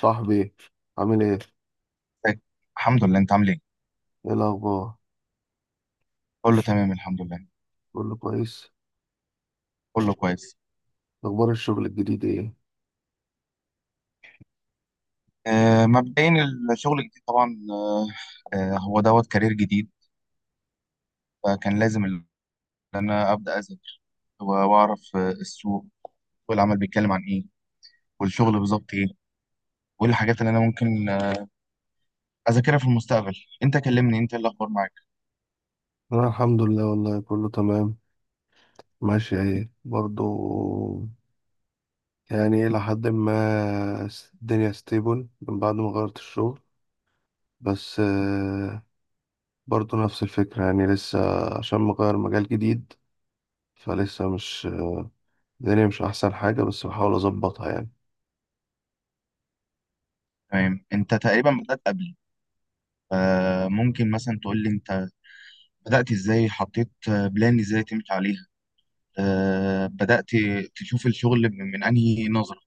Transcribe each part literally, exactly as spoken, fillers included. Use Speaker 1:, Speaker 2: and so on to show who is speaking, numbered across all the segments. Speaker 1: صاحبي عامل ايه؟
Speaker 2: ازيك؟ الحمد لله، انت عامل ايه؟
Speaker 1: ايه الأخبار؟
Speaker 2: كله تمام الحمد لله.
Speaker 1: كله كويس؟
Speaker 2: كله كويس.
Speaker 1: أخبار الشغل الجديد ايه؟
Speaker 2: آه مبدئيا الشغل الجديد طبعا، آه هو دوت كارير جديد، فكان لازم ان انا ابدا اذاكر واعرف آه، السوق والعمل بيتكلم عن ايه، والشغل بالظبط ايه، وايه الحاجات اللي انا ممكن آه، اذاكرها في المستقبل. انت كلمني، انت ايه الاخبار معاك؟
Speaker 1: أنا الحمد لله والله كله تمام. ماشي ايه برضو. يعني إلى حد ما س- الدنيا ستيبل من بعد ما غيرت الشغل. بس آه، برضو نفس الفكرة، يعني لسه عشان مغير مجال جديد، فلسه مش الدنيا مش أحسن حاجة، بس بحاول أظبطها يعني.
Speaker 2: تمام، انت تقريبا بدات قبلي. آه ممكن مثلا تقول لي انت بدات ازاي، حطيت آه، بلان ازاي تمشي عليها، آه بدات تشوف الشغل من من انهي نظره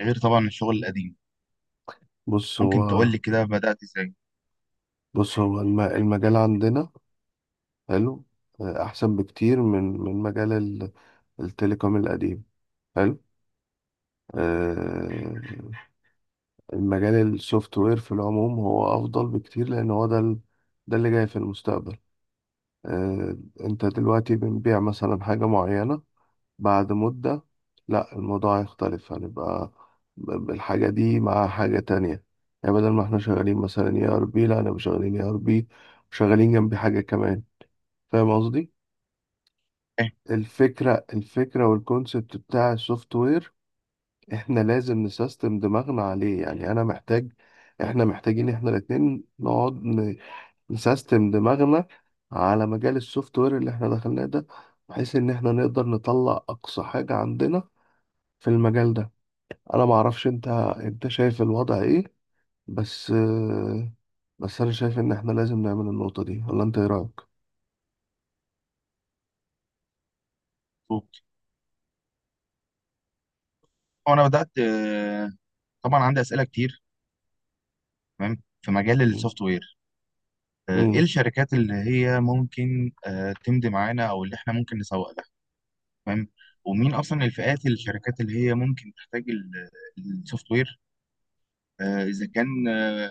Speaker 2: غير طبعا الشغل القديم.
Speaker 1: بص هو
Speaker 2: ممكن تقول لي كده بدأت ازاي؟
Speaker 1: بص هو الم- المجال عندنا حلو. آه، أحسن بكتير من من مجال التليكوم القديم. حلو. آه، المجال السوفت وير في العموم هو أفضل بكتير، لأن هو ده ال- ده اللي جاي في المستقبل. آه، أنت دلوقتي بنبيع مثلا حاجة معينة، بعد مدة لا الموضوع هيختلف، هنبقى ب- الحاجة دي مع حاجة تانية. يعني بدل ما احنا شغالين مثلا اي ار بي، لا انا مش شغالين اي ار بي وشغالين جنبي حاجة كمان. فاهم قصدي؟
Speaker 2: ايه.
Speaker 1: الفكرة الفكرة والكونسبت بتاع السوفت وير احنا لازم نسيستم دماغنا عليه. يعني انا محتاج، احنا محتاجين احنا الاتنين نقعد ن- نسيستم دماغنا على مجال السوفت وير اللي احنا دخلناه ده، بحيث ان احنا نقدر نطلع اقصى حاجة عندنا في المجال ده. انا معرفش انت، انت شايف الوضع ايه؟ بس آه، بس انا شايف ان احنا لازم نعمل النقطة دي، ولا انت ايه رأيك؟
Speaker 2: بالظبط. وانا بدأت آه، طبعا عندي أسئلة كتير، تمام، في مجال
Speaker 1: مم.
Speaker 2: السوفت وير. آه، ايه
Speaker 1: مم.
Speaker 2: الشركات اللي هي ممكن آه، تمضي معانا او اللي احنا ممكن نسوق لها؟ تمام. ومين اصلا الفئات الشركات اللي هي ممكن تحتاج السوفت وير؟ آه، اذا كان آه،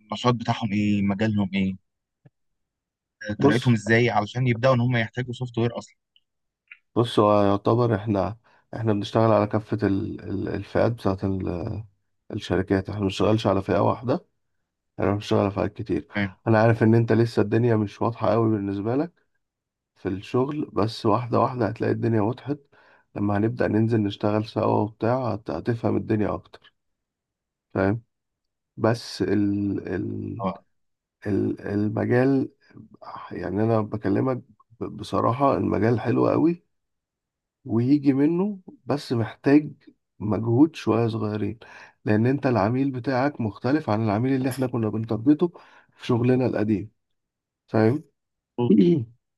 Speaker 2: النشاط بتاعهم ايه، مجالهم ايه، آه، طريقتهم
Speaker 1: بص
Speaker 2: ازاي علشان يبدأوا ان هم يحتاجوا سوفت وير اصلا.
Speaker 1: بص هو يعتبر احنا، احنا بنشتغل على كافة ال- ال- الفئات بتاعة الشركات، احنا بنشتغلش على فئة واحدة، احنا بنشتغل على فئات كتير.
Speaker 2: تمام.
Speaker 1: انا عارف ان انت لسه الدنيا مش واضحة قوي بالنسبة لك في الشغل، بس واحدة واحدة هتلاقي الدنيا وضحت. لما هنبدأ ننزل نشتغل سوا وبتاع هت- هتفهم الدنيا اكتر. فاهم. بس ال ال
Speaker 2: اه.
Speaker 1: ال المجال، يعني انا بكلمك ب- بصراحة المجال حلو قوي ويجي منه، بس محتاج مجهود شوية صغيرين، لأن أنت العميل بتاعك مختلف عن العميل اللي إحنا كنا بنتربطه في شغلنا القديم. فاهم؟
Speaker 2: مظبوط.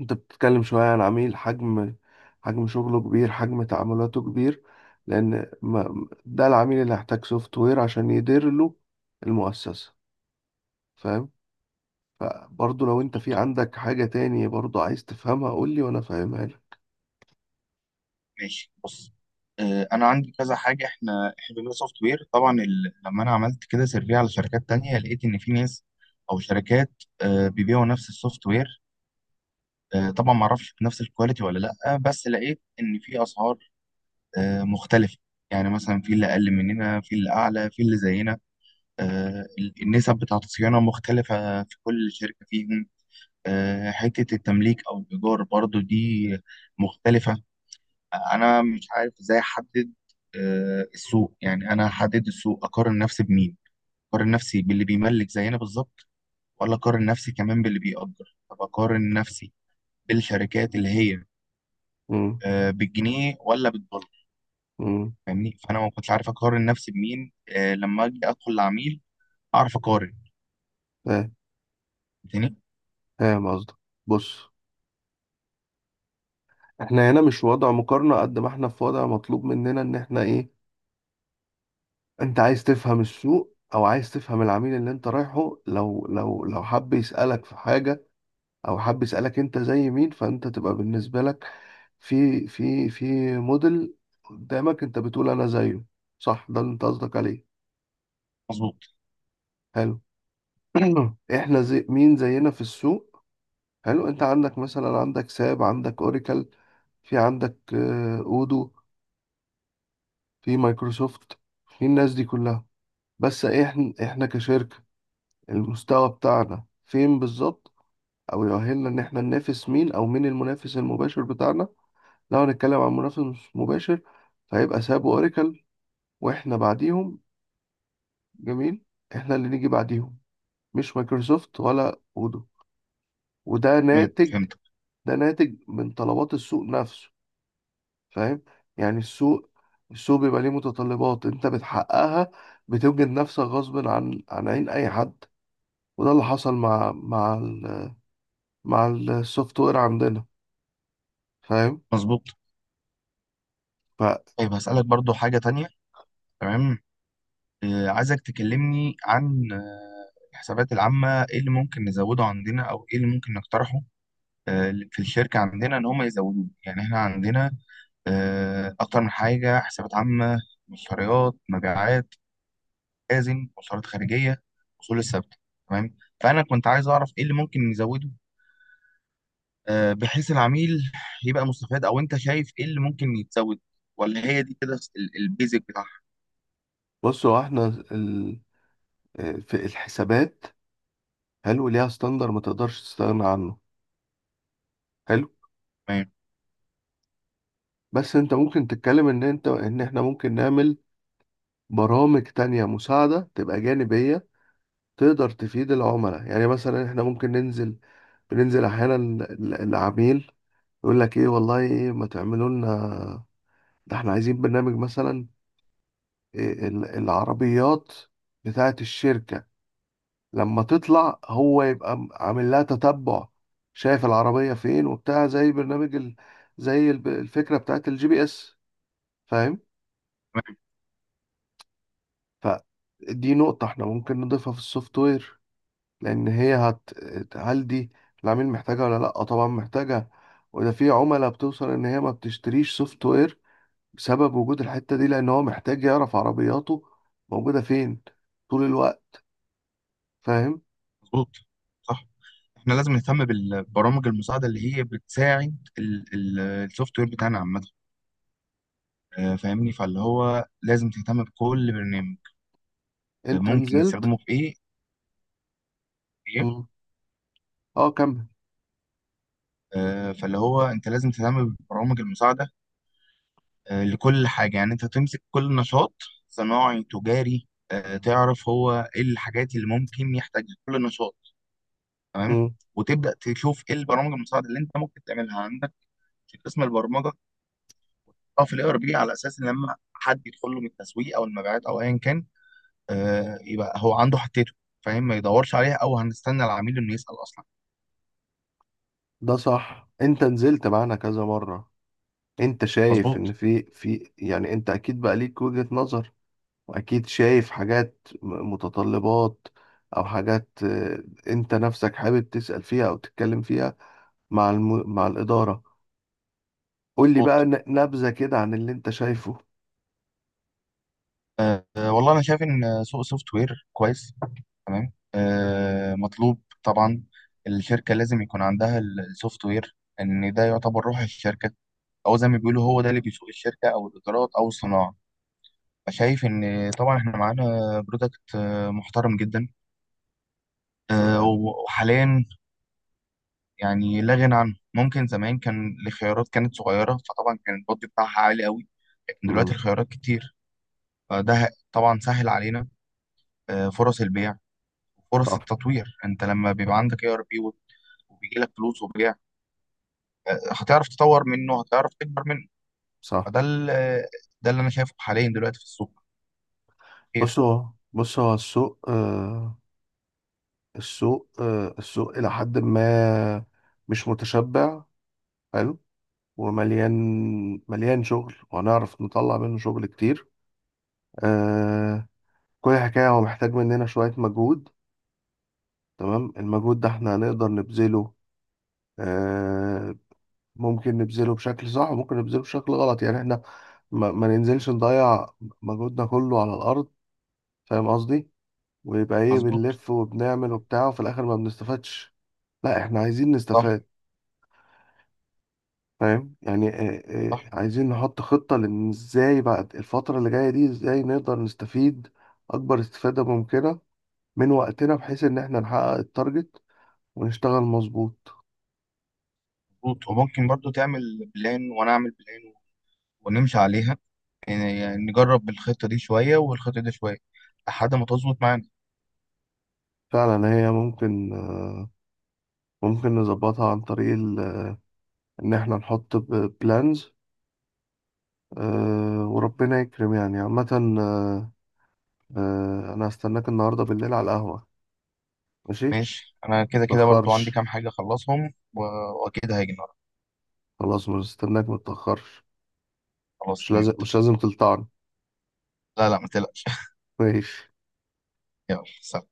Speaker 1: أنت بتتكلم شوية عن عميل حجم، حجم شغله كبير، حجم تعاملاته كبير، لأن ما ده العميل اللي هيحتاج سوفت وير عشان يدير له المؤسسة. فاهم؟ فبرضه لو أنت في عندك حاجة تانية برضه عايز تفهمها قول لي وأنا فاهمها لك.
Speaker 2: ماشي بص، آه، انا عندي كذا حاجه. احنا احنا بنقول سوفت وير طبعا ال... لما انا عملت كده سيرفي على شركات تانية، لقيت ان في ناس او شركات آه، بيبيعوا نفس السوفت وير. آه، طبعا ما اعرفش بنفس الكواليتي ولا لا، بس لقيت ان في اسعار آه، مختلفه. يعني مثلا في اللي اقل مننا، في اللي اعلى، في اللي زينا. آه، ال- النسب بتاعت الصيانه مختلفه في كل شركه فيهم. آه، حته التمليك او الايجار برضو دي مختلفه. انا مش عارف ازاي احدد آه، السوق. يعني انا احدد السوق اقارن نفسي بمين؟ اقارن نفسي باللي بيملك زينا بالظبط، ولا اقارن نفسي كمان باللي بيأجر؟ طب اقارن نفسي بالشركات اللي هي
Speaker 1: أمم،
Speaker 2: آه، بالجنيه ولا بالدولار؟
Speaker 1: أمم،
Speaker 2: فاهمني؟ فانا ما كنتش عارف اقارن نفسي بمين آه، لما اجي ادخل لعميل اعرف اقارن
Speaker 1: فاهم.
Speaker 2: تاني.
Speaker 1: فاهم قصدك. بص، احنا هنا مش وضع مقارنة قد ما احنا في وضع مطلوب مننا ان احنا ايه. انت عايز تفهم السوق او عايز تفهم العميل اللي انت رايحه، لو لو لو حب يسألك في حاجة او حب يسألك انت زي مين، فانت تبقى بالنسبة لك في في في موديل قدامك انت بتقول انا زيه. صح ده اللي انت قصدك عليه؟
Speaker 2: مظبوط.
Speaker 1: حلو. احنا زي مين زينا في السوق؟ حلو، انت عندك مثلا، عندك ساب، عندك اوريكل، في عندك آه، اودو، في مايكروسوفت، في الناس دي كلها. بس احنا، احنا كشركة المستوى بتاعنا فين بالظبط؟ او يؤهلنا ان احنا ننافس مين، او مين المنافس المباشر بتاعنا؟ لو هنتكلم عن منافس مباشر فهيبقى ساب واوراكل، واحنا بعديهم. جميل. احنا اللي نيجي بعديهم، مش مايكروسوفت ولا اودو. وده
Speaker 2: تمام
Speaker 1: ناتج،
Speaker 2: فهمت.
Speaker 1: ده ناتج من طلبات السوق نفسه. فاهم؟ يعني السوق، السوق بيبقى ليه متطلبات انت بتحققها، بتوجد نفسك غصب عن عن عين اي حد. وده اللي حصل مع مع ال مع السوفت وير عندنا. فاهم.
Speaker 2: مظبوط.
Speaker 1: فبص،
Speaker 2: طيب هسألك برضو حاجة تانية، تمام. آه، عايزك تكلمني عن آه، الحسابات العامة، ايه اللي ممكن نزوده عندنا او ايه اللي ممكن نقترحه آه، في الشركة عندنا ان هم يزودوه. يعني احنا عندنا آه، اكتر من حاجة، حسابات عامة، مشتريات، مبيعات، لازم مصاريف خارجية، اصول الثابتة. تمام. فانا كنت عايز اعرف ايه اللي ممكن نزوده آه، بحيث العميل يبقى مستفاد، او انت شايف ايه اللي ممكن يتزود، ولا هي دي كده ال- البيزك بتاعها؟
Speaker 1: هو احنا ال... في الحسابات حلو، ليها ستاندر ما تقدرش تستغنى عنه. حلو.
Speaker 2: تمام.
Speaker 1: بس انت ممكن تتكلم ان انت ان احنا ممكن نعمل برامج تانية مساعدة تبقى جانبية تقدر تفيد العملاء. يعني مثلا احنا ممكن ننزل، بننزل احيانا ال- العميل يقول لك ايه والله ايه ما تعملوا لنا، ده احنا عايزين برنامج مثلا إيه، ال- العربيات بتاعة الشركة لما تطلع هو يبقى م- عامل لها تتبع، شايف العربية فين وبتاع، زي برنامج ال... زي الب- الفكرة بتاعت الجي بي اس. فاهم؟ فدي نقطة احنا ممكن نضيفها في السوفت وير، لأن هي هت... هل دي العميل محتاجها ولا لأ؟ آه طبعا محتاجها. وده في عملاء بتوصل إن هي ما بتشتريش سوفت وير بسبب وجود الحتة دي، لأن هو محتاج يعرف عربياته موجودة فين طول الوقت. فاهم؟
Speaker 2: مظبوط. صح. احنا لازم نهتم بالبرامج المساعده اللي هي بتساعد السوفت وير بتاعنا عامه. آه، فاهمني؟ فاللي هو لازم تهتم بكل برنامج آه،
Speaker 1: انت
Speaker 2: ممكن
Speaker 1: نزلت.
Speaker 2: نستخدمه في ايه. إيه.
Speaker 1: مم. اه كمل.
Speaker 2: آه، فاللي هو انت لازم تهتم بالبرامج المساعده آه، لكل حاجه. يعني انت تمسك كل نشاط صناعي تجاري، آه، تعرف هو ايه الحاجات اللي ممكن يحتاجها كل نشاط. تمام. وتبدا تشوف ايه البرامج المساعده اللي انت ممكن تعملها عندك في قسم البرمجه. اه في الاي ار بي، على اساس ان لما حد يدخل له من التسويق او المبيعات او ايا كان، آه يبقى هو عنده حتته فاهم، ما يدورش عليها، او هنستنى العميل انه يسال اصلا.
Speaker 1: ده صح، انت نزلت معانا كذا مرة. انت شايف ان
Speaker 2: مظبوط.
Speaker 1: في في، يعني انت اكيد بقى ليك وجهة نظر، واكيد شايف حاجات م- متطلبات، او حاجات آه، انت نفسك حابب تسأل فيها او تتكلم فيها مع الم... مع الإدارة. قول لي بقى
Speaker 2: مظبوط.
Speaker 1: ن- نبذة كده عن اللي انت شايفه.
Speaker 2: آه آه، والله انا شايف ان سوق سوفت وير كويس، تمام، آه مطلوب طبعا. الشركه لازم يكون عندها السوفت وير، ان ده يعتبر روح الشركه، او زي ما بيقولوا هو ده اللي بيسوق الشركه او الادارات او الصناعه. فشايف ان طبعا احنا معانا برودكت محترم جدا، آه،
Speaker 1: تمام.
Speaker 2: وحاليا يعني لا غنى عنه. ممكن زمان كان الخيارات كانت صغيرة فطبعا كان البادجت بتاعها عالي قوي، لكن دلوقتي
Speaker 1: امم.
Speaker 2: الخيارات كتير. فده طبعا سهل علينا آه، فرص البيع وفرص
Speaker 1: صح.
Speaker 2: التطوير. انت لما بيبقى عندك اي ار بي وبيجي لك فلوس وبيع، آه، هتعرف تطور منه، هتعرف تكبر منه.
Speaker 1: صح.
Speaker 2: فده ال- آه، ده اللي انا شايفه حاليا دلوقتي في السوق.
Speaker 1: بص
Speaker 2: خير.
Speaker 1: هو بص هو السوق آه، السوق آه، السوق إلى حد ما مش متشبع. حلو. ومليان، مليان شغل وهنعرف نطلع منه شغل كتير. آه. كل حكاية هو محتاج مننا شوية مجهود. تمام، المجهود ده احنا هنقدر نبذله. آه. ممكن نبذله بشكل صح وممكن نبذله بشكل غلط. يعني احنا ما, ما ننزلش نضيع مجهودنا كله على الأرض، فاهم قصدي؟ ويبقى ايه،
Speaker 2: مظبوط.
Speaker 1: بنلف وبنعمل وبتاع وفي الآخر ما بنستفادش. لا احنا عايزين
Speaker 2: صح.
Speaker 1: نستفاد. فاهم يعني. آه،
Speaker 2: صح.
Speaker 1: آه، عايزين نحط خطة، لان ازاي بعد الفترة اللي جاية دي ازاي نقدر نستفيد اكبر استفادة ممكنة من وقتنا، بحيث ان احنا نحقق التارجت ونشتغل مظبوط.
Speaker 2: مظبوط. وممكن برضو تعمل بلان وانا اعمل بلان ونمشي عليها. يعني نجرب الخطة دي شوية والخطة دي شوية لحد ما تظبط معانا.
Speaker 1: فعلا هي ممكن آه، ممكن نظبطها عن طريق ال- ان احنا نحط بلانز، وربنا يكرم يعني عامة. آه، آه، انا هستناك النهاردة بالليل على القهوة، ماشي؟
Speaker 2: ماشي، انا كده كده برضو عندي
Speaker 1: متأخرش.
Speaker 2: كام حاجة اخلصهم و- واكيد هاجي النهارده.
Speaker 1: خلاص مستناك، متأخرش.
Speaker 2: خلاص
Speaker 1: مش
Speaker 2: تمام
Speaker 1: لازم مش
Speaker 2: اتفقنا.
Speaker 1: لازم تلطعني.
Speaker 2: لا لا ما تقلقش
Speaker 1: ماشي.
Speaker 2: يلا سلام.